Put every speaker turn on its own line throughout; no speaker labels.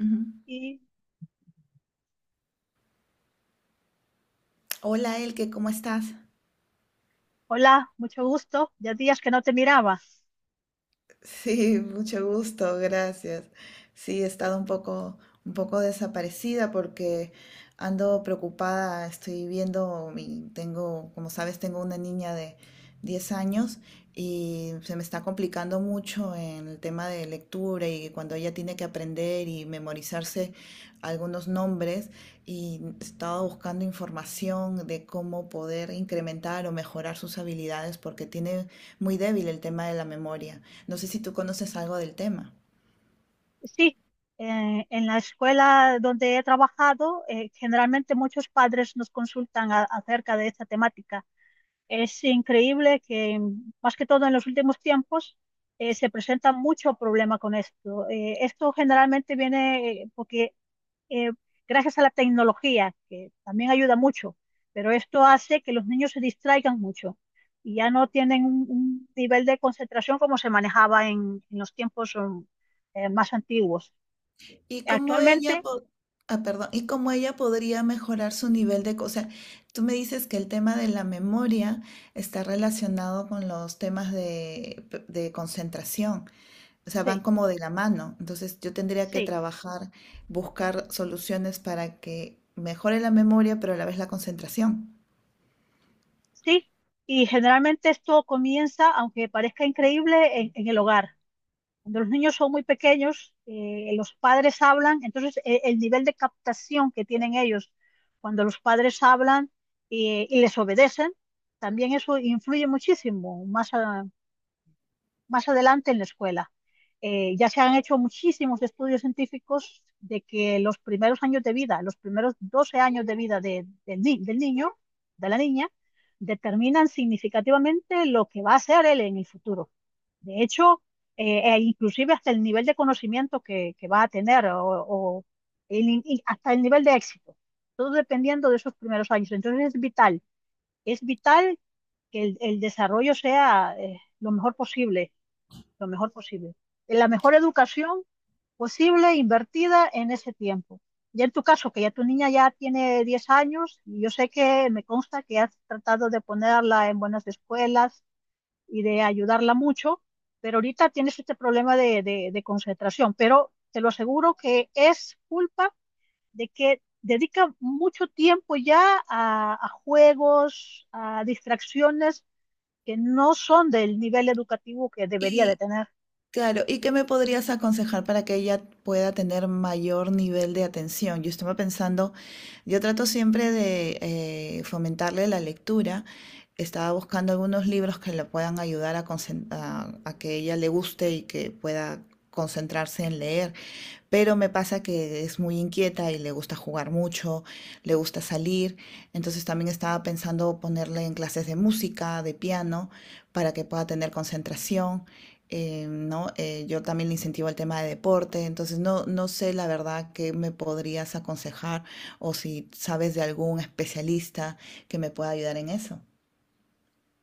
Ujú.
Y,
Hola, Elke, ¿cómo estás?
hola, mucho gusto. Ya días que no te miraba.
Sí, mucho gusto, gracias. Sí, he estado un poco desaparecida porque ando preocupada, estoy viendo, tengo, como sabes, tengo una niña de 10 años y se me está complicando mucho en el tema de lectura y cuando ella tiene que aprender y memorizarse algunos nombres, y estaba buscando información de cómo poder incrementar o mejorar sus habilidades porque tiene muy débil el tema de la memoria. No sé si tú conoces algo del tema.
Sí, en la escuela donde he trabajado, generalmente muchos padres nos consultan acerca de esta temática. Es increíble que, más que todo en los últimos tiempos, se presenta mucho problema con esto. Esto generalmente viene porque eh, gracias a la tecnología, que también ayuda mucho, pero esto hace que los niños se distraigan mucho y ya no tienen un nivel de concentración como se manejaba en los tiempos más antiguos.
¿Y cómo ella,
Actualmente,
ah, perdón, y cómo ella podría mejorar su nivel de? O sea, tú me dices que el tema de la memoria está relacionado con los temas de concentración. O sea, van
sí,
como de la mano. Entonces yo tendría que
sí,
trabajar, buscar soluciones para que mejore la memoria, pero a la vez la concentración.
sí, y generalmente esto comienza, aunque parezca increíble, en el hogar. Cuando los niños son muy pequeños, los padres hablan, entonces el nivel de captación que tienen ellos cuando los padres hablan y les obedecen, también eso influye muchísimo más, más adelante en la escuela. Ya se han hecho muchísimos estudios científicos de que los primeros años de vida, los primeros 12 años de vida de- del ni- del niño, de la niña, determinan significativamente lo que va a ser él en el futuro. De hecho, e inclusive hasta el nivel de conocimiento que va a tener o y hasta el nivel de éxito, todo dependiendo de esos primeros años. Entonces es vital que el desarrollo sea lo mejor posible, lo mejor posible. La mejor educación posible invertida en ese tiempo. Ya en tu caso, que ya tu niña ya tiene 10 años, y yo sé que me consta que has tratado de ponerla en buenas escuelas y de ayudarla mucho, pero ahorita tienes este problema de concentración, pero te lo aseguro que es culpa de que dedica mucho tiempo ya a juegos, a distracciones que no son del nivel educativo que debería de
Y
tener.
claro, ¿y qué me podrías aconsejar para que ella pueda tener mayor nivel de atención? Yo estaba pensando, yo trato siempre de fomentarle la lectura. Estaba buscando algunos libros que le puedan ayudar a, que ella le guste y que pueda concentrarse en leer. Pero me pasa que es muy inquieta y le gusta jugar mucho, le gusta salir, entonces también estaba pensando ponerle en clases de música, de piano, para que pueda tener concentración. ¿No? Yo también le incentivo el tema de deporte, entonces no sé la verdad qué me podrías aconsejar o si sabes de algún especialista que me pueda ayudar en eso.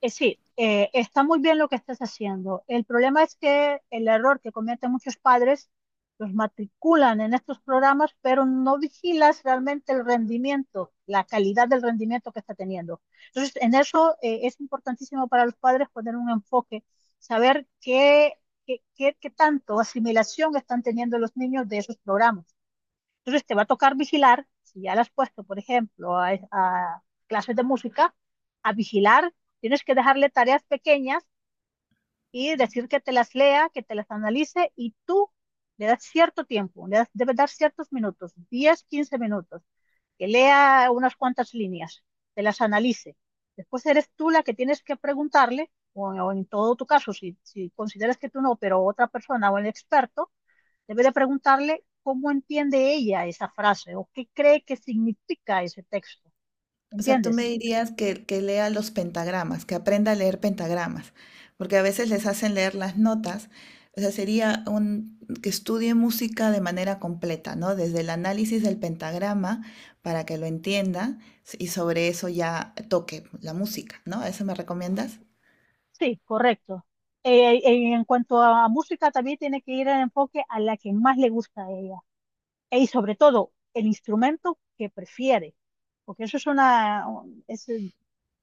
Sí, está muy bien lo que estás haciendo. El problema es que el error que cometen muchos padres, los matriculan en estos programas, pero no vigilas realmente el rendimiento, la calidad del rendimiento que está teniendo. Entonces, en eso es importantísimo para los padres poner un enfoque, saber qué tanto asimilación están teniendo los niños de esos programas. Entonces te va a tocar vigilar, si ya le has puesto, por ejemplo, a clases de música, a vigilar, tienes que dejarle tareas pequeñas y decir que te las lea, que te las analice y tú le das cierto tiempo, le das, debes dar ciertos minutos, 10, 15 minutos, que lea unas cuantas líneas, te las analice. Después eres tú la que tienes que preguntarle, o en todo tu caso, si consideras que tú no, pero otra persona o el experto. Debe de preguntarle cómo entiende ella esa frase o qué cree que significa ese texto.
O sea, tú me
¿Entiendes?
dirías que lea los pentagramas, que aprenda a leer pentagramas, porque a veces les hacen leer las notas. O sea, sería que estudie música de manera completa, ¿no? Desde el análisis del pentagrama para que lo entienda, y sobre eso ya toque la música, ¿no? ¿Eso me recomiendas?
Sí, correcto. En cuanto a música, también tiene que ir el enfoque a la que más le gusta a ella. Y sobre todo, el instrumento que prefiere. Porque eso es es,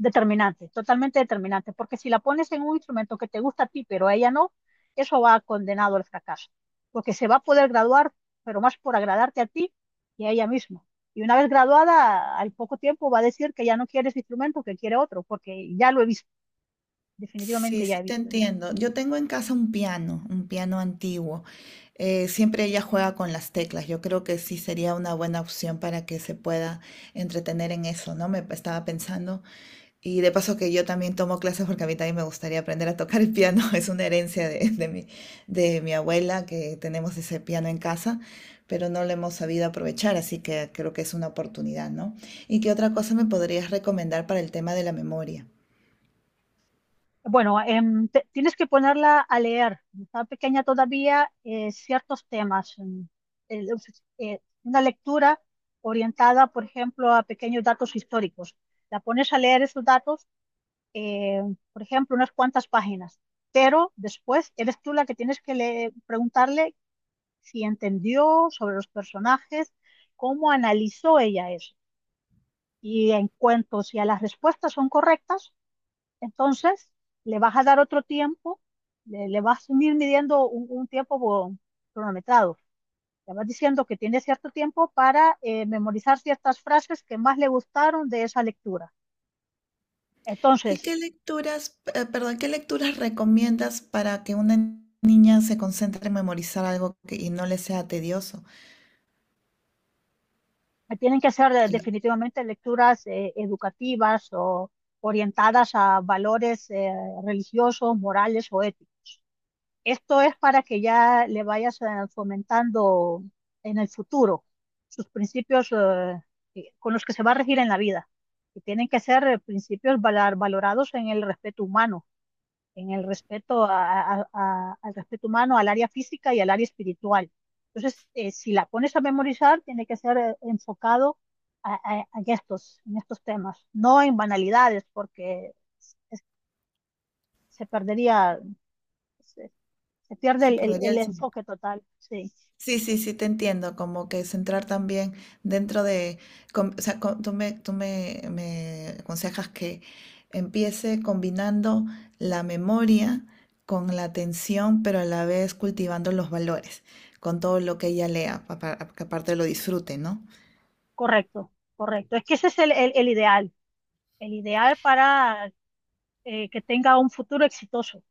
Determinante, totalmente determinante, porque si la pones en un instrumento que te gusta a ti, pero a ella no, eso va condenado al fracaso, porque se va a poder graduar, pero más por agradarte a ti y a ella misma. Y una vez graduada, al poco tiempo va a decir que ya no quiere ese instrumento, que quiere otro, porque ya lo he visto,
Sí,
definitivamente ya
sí
he
te
visto eso.
entiendo. Yo tengo en casa un piano antiguo. Siempre ella juega con las teclas. Yo creo que sí sería una buena opción para que se pueda entretener en eso, ¿no? Estaba pensando. Y de paso que yo también tomo clases porque a mí también me gustaría aprender a tocar el piano. Es una herencia de mi abuela, que tenemos ese piano en casa, pero no lo hemos sabido aprovechar, así que creo que es una oportunidad, ¿no? ¿Y qué otra cosa me podrías recomendar para el tema de la memoria?
Bueno, tienes que ponerla a leer. Está pequeña todavía, ciertos temas. El- una lectura orientada, por ejemplo, a pequeños datos históricos. La pones a leer esos datos, eh, por ejemplo, unas cuantas páginas. Pero después eres tú la que tienes que preguntarle si entendió sobre los personajes, cómo analizó ella eso. Y en cuanto si a las respuestas son correctas, entonces, le vas a dar otro tiempo, le vas a ir midiendo un tiempo cronometrado. Le vas diciendo que tiene cierto tiempo para memorizar ciertas frases que más le gustaron de esa lectura.
¿Y qué
Entonces,
lecturas, perdón, qué lecturas recomiendas para que una niña se concentre en memorizar algo y no le sea tedioso?
tienen que ser
Al-
definitivamente lecturas educativas o orientadas a valores religiosos, morales o éticos. Esto es para que ya le vayas fomentando en el futuro sus principios con los que se va a regir en la vida. Y tienen que ser principios valorados en el respeto humano, en el respeto al respeto humano, al área física y al área espiritual. Entonces, si la pones a memorizar, tiene que ser enfocado en estos temas, no en banalidades, porque es- se perdería se pierde
se
el, el-
perdería
el
el sen-
enfoque total. Sí,
Sí, sí, sí, te entiendo, como que centrar también dentro de, o sea, me aconsejas que empiece combinando la memoria con la atención, pero a la vez cultivando los valores, con todo lo que ella lea, para que aparte lo disfrute, ¿no?
correcto, correcto. Es que ese es el ideal, el ideal para que tenga un futuro exitoso.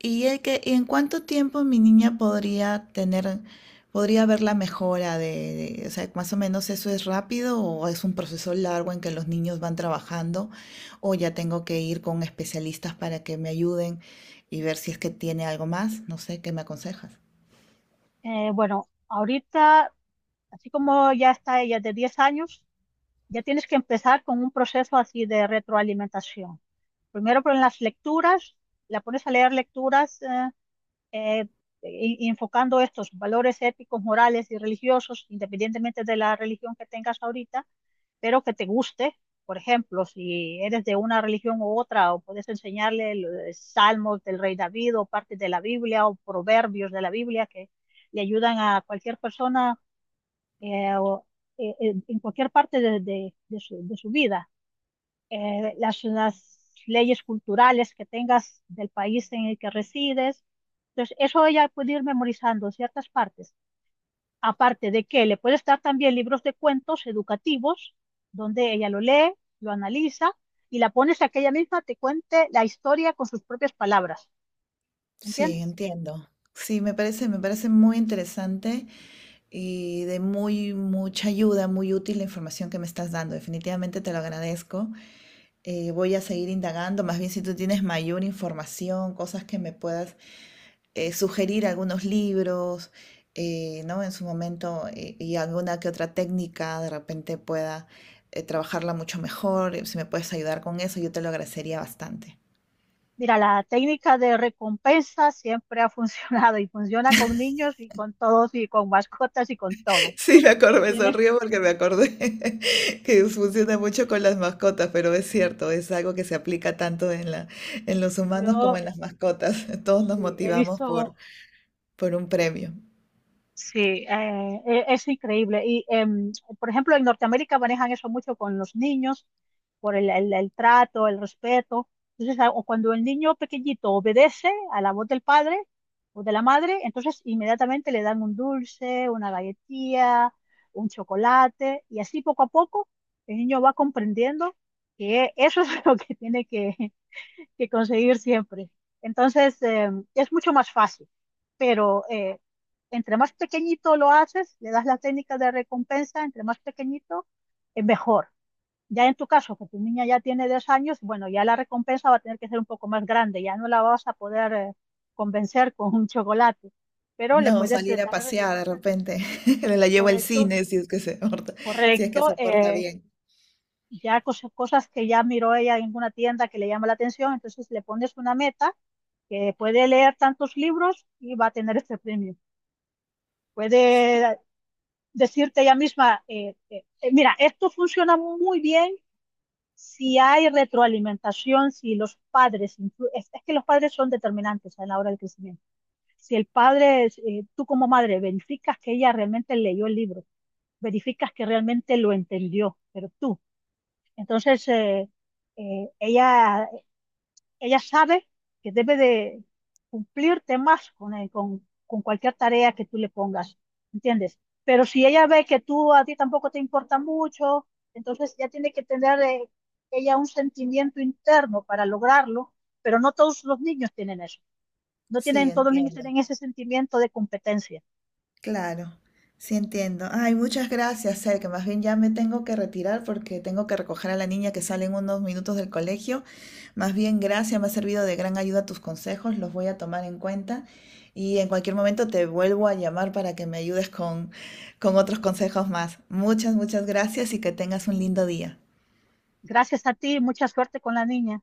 ¿Y, y en cuánto tiempo mi niña podría tener, podría ver la mejora o sea, más o menos, eso es rápido o es un proceso largo en que los niños van trabajando, o ya tengo que ir con especialistas para que me ayuden y ver si es que tiene algo más? No sé, ¿qué me aconsejas?
Bueno, ahorita, así como ya está ella de 10 años, ya tienes que empezar con un proceso así de retroalimentación. Primero con las lecturas, la pones a leer lecturas eh, y enfocando estos valores éticos, morales y religiosos, independientemente de la religión que tengas ahorita pero que te guste. Por ejemplo, si eres de una religión u otra, o puedes enseñarle salmos del rey David o partes de la Biblia o proverbios de la Biblia que le ayudan a cualquier persona eh, o, en cualquier parte de su vida. Las leyes culturales que tengas del país en el que resides. Entonces, eso ella puede ir memorizando ciertas partes. Aparte de que le puede estar también libros de cuentos educativos, donde ella lo lee, lo analiza y la pones a que ella misma te cuente la historia con sus propias palabras.
Sí,
¿Entiendes?
entiendo. Sí, me parece muy interesante y de muy mucha ayuda, muy útil la información que me estás dando. Definitivamente te lo agradezco. Voy a seguir indagando, más bien si tú tienes mayor información, cosas que me puedas sugerir, algunos libros, ¿no? En su momento y alguna que otra técnica de repente pueda trabajarla mucho mejor. Si me puedes ayudar con eso, yo te lo agradecería bastante.
Mira, la técnica de recompensa siempre ha funcionado y funciona con niños y con todos y con mascotas y con todo.
Sí, me acordé, me
Tienes,
sonrío porque me acordé que funciona mucho con las mascotas, pero es cierto, es algo que se aplica tanto en la, en los humanos como
yo
en las mascotas. Todos nos
sí, he
motivamos
visto
por un premio.
Sí, es increíble. Y, por ejemplo, en Norteamérica manejan eso mucho con los niños, por el trato, el respeto. Entonces, o cuando el niño pequeñito obedece a la voz del padre o de la madre, entonces inmediatamente le dan un dulce, una galletilla, un chocolate, y así poco a poco el niño va comprendiendo que eso es lo que tiene que conseguir siempre. Entonces, es mucho más fácil, pero entre más pequeñito lo haces, le das la técnica de recompensa, entre más pequeñito, es mejor. Ya en tu caso, que tu niña ya tiene 10 años, bueno, ya la recompensa va a tener que ser un poco más grande, ya no la vas a poder convencer con un chocolate, pero
No,
le puedes
salir a
dar,
pasear de repente. La llevo al
correcto,
cine si es que se porta, si es que
correcto,
se porta bien.
ya cosas, cosas que ya miró ella en una tienda que le llama la atención, entonces le pones una meta que puede leer tantos libros y va a tener este premio. Puede decirte ella misma, mira, esto funciona muy bien si hay retroalimentación, si los padres, es que los padres son determinantes a la hora del crecimiento. Si el padre, tú como madre, verificas que ella realmente leyó el libro, verificas que realmente lo entendió, pero tú. Entonces, eh, ella ella sabe que debe de cumplir temas con cualquier tarea que tú le pongas, ¿entiendes? Pero si ella ve que tú a ti tampoco te importa mucho, entonces ya tiene que tener ella un sentimiento interno para lograrlo, pero no todos los niños tienen eso. No
Sí,
tienen, todos los niños
entiendo.
tienen ese sentimiento de competencia.
Claro, sí entiendo. Ay, muchas gracias, Ser, que más bien ya me tengo que retirar porque tengo que recoger a la niña que sale en unos minutos del colegio. Más bien, gracias, me ha servido de gran ayuda tus consejos, los voy a tomar en cuenta y en cualquier momento te vuelvo a llamar para que me ayudes con otros consejos más. Muchas, muchas gracias y que tengas un lindo día.
Gracias a ti, mucha suerte con la niña.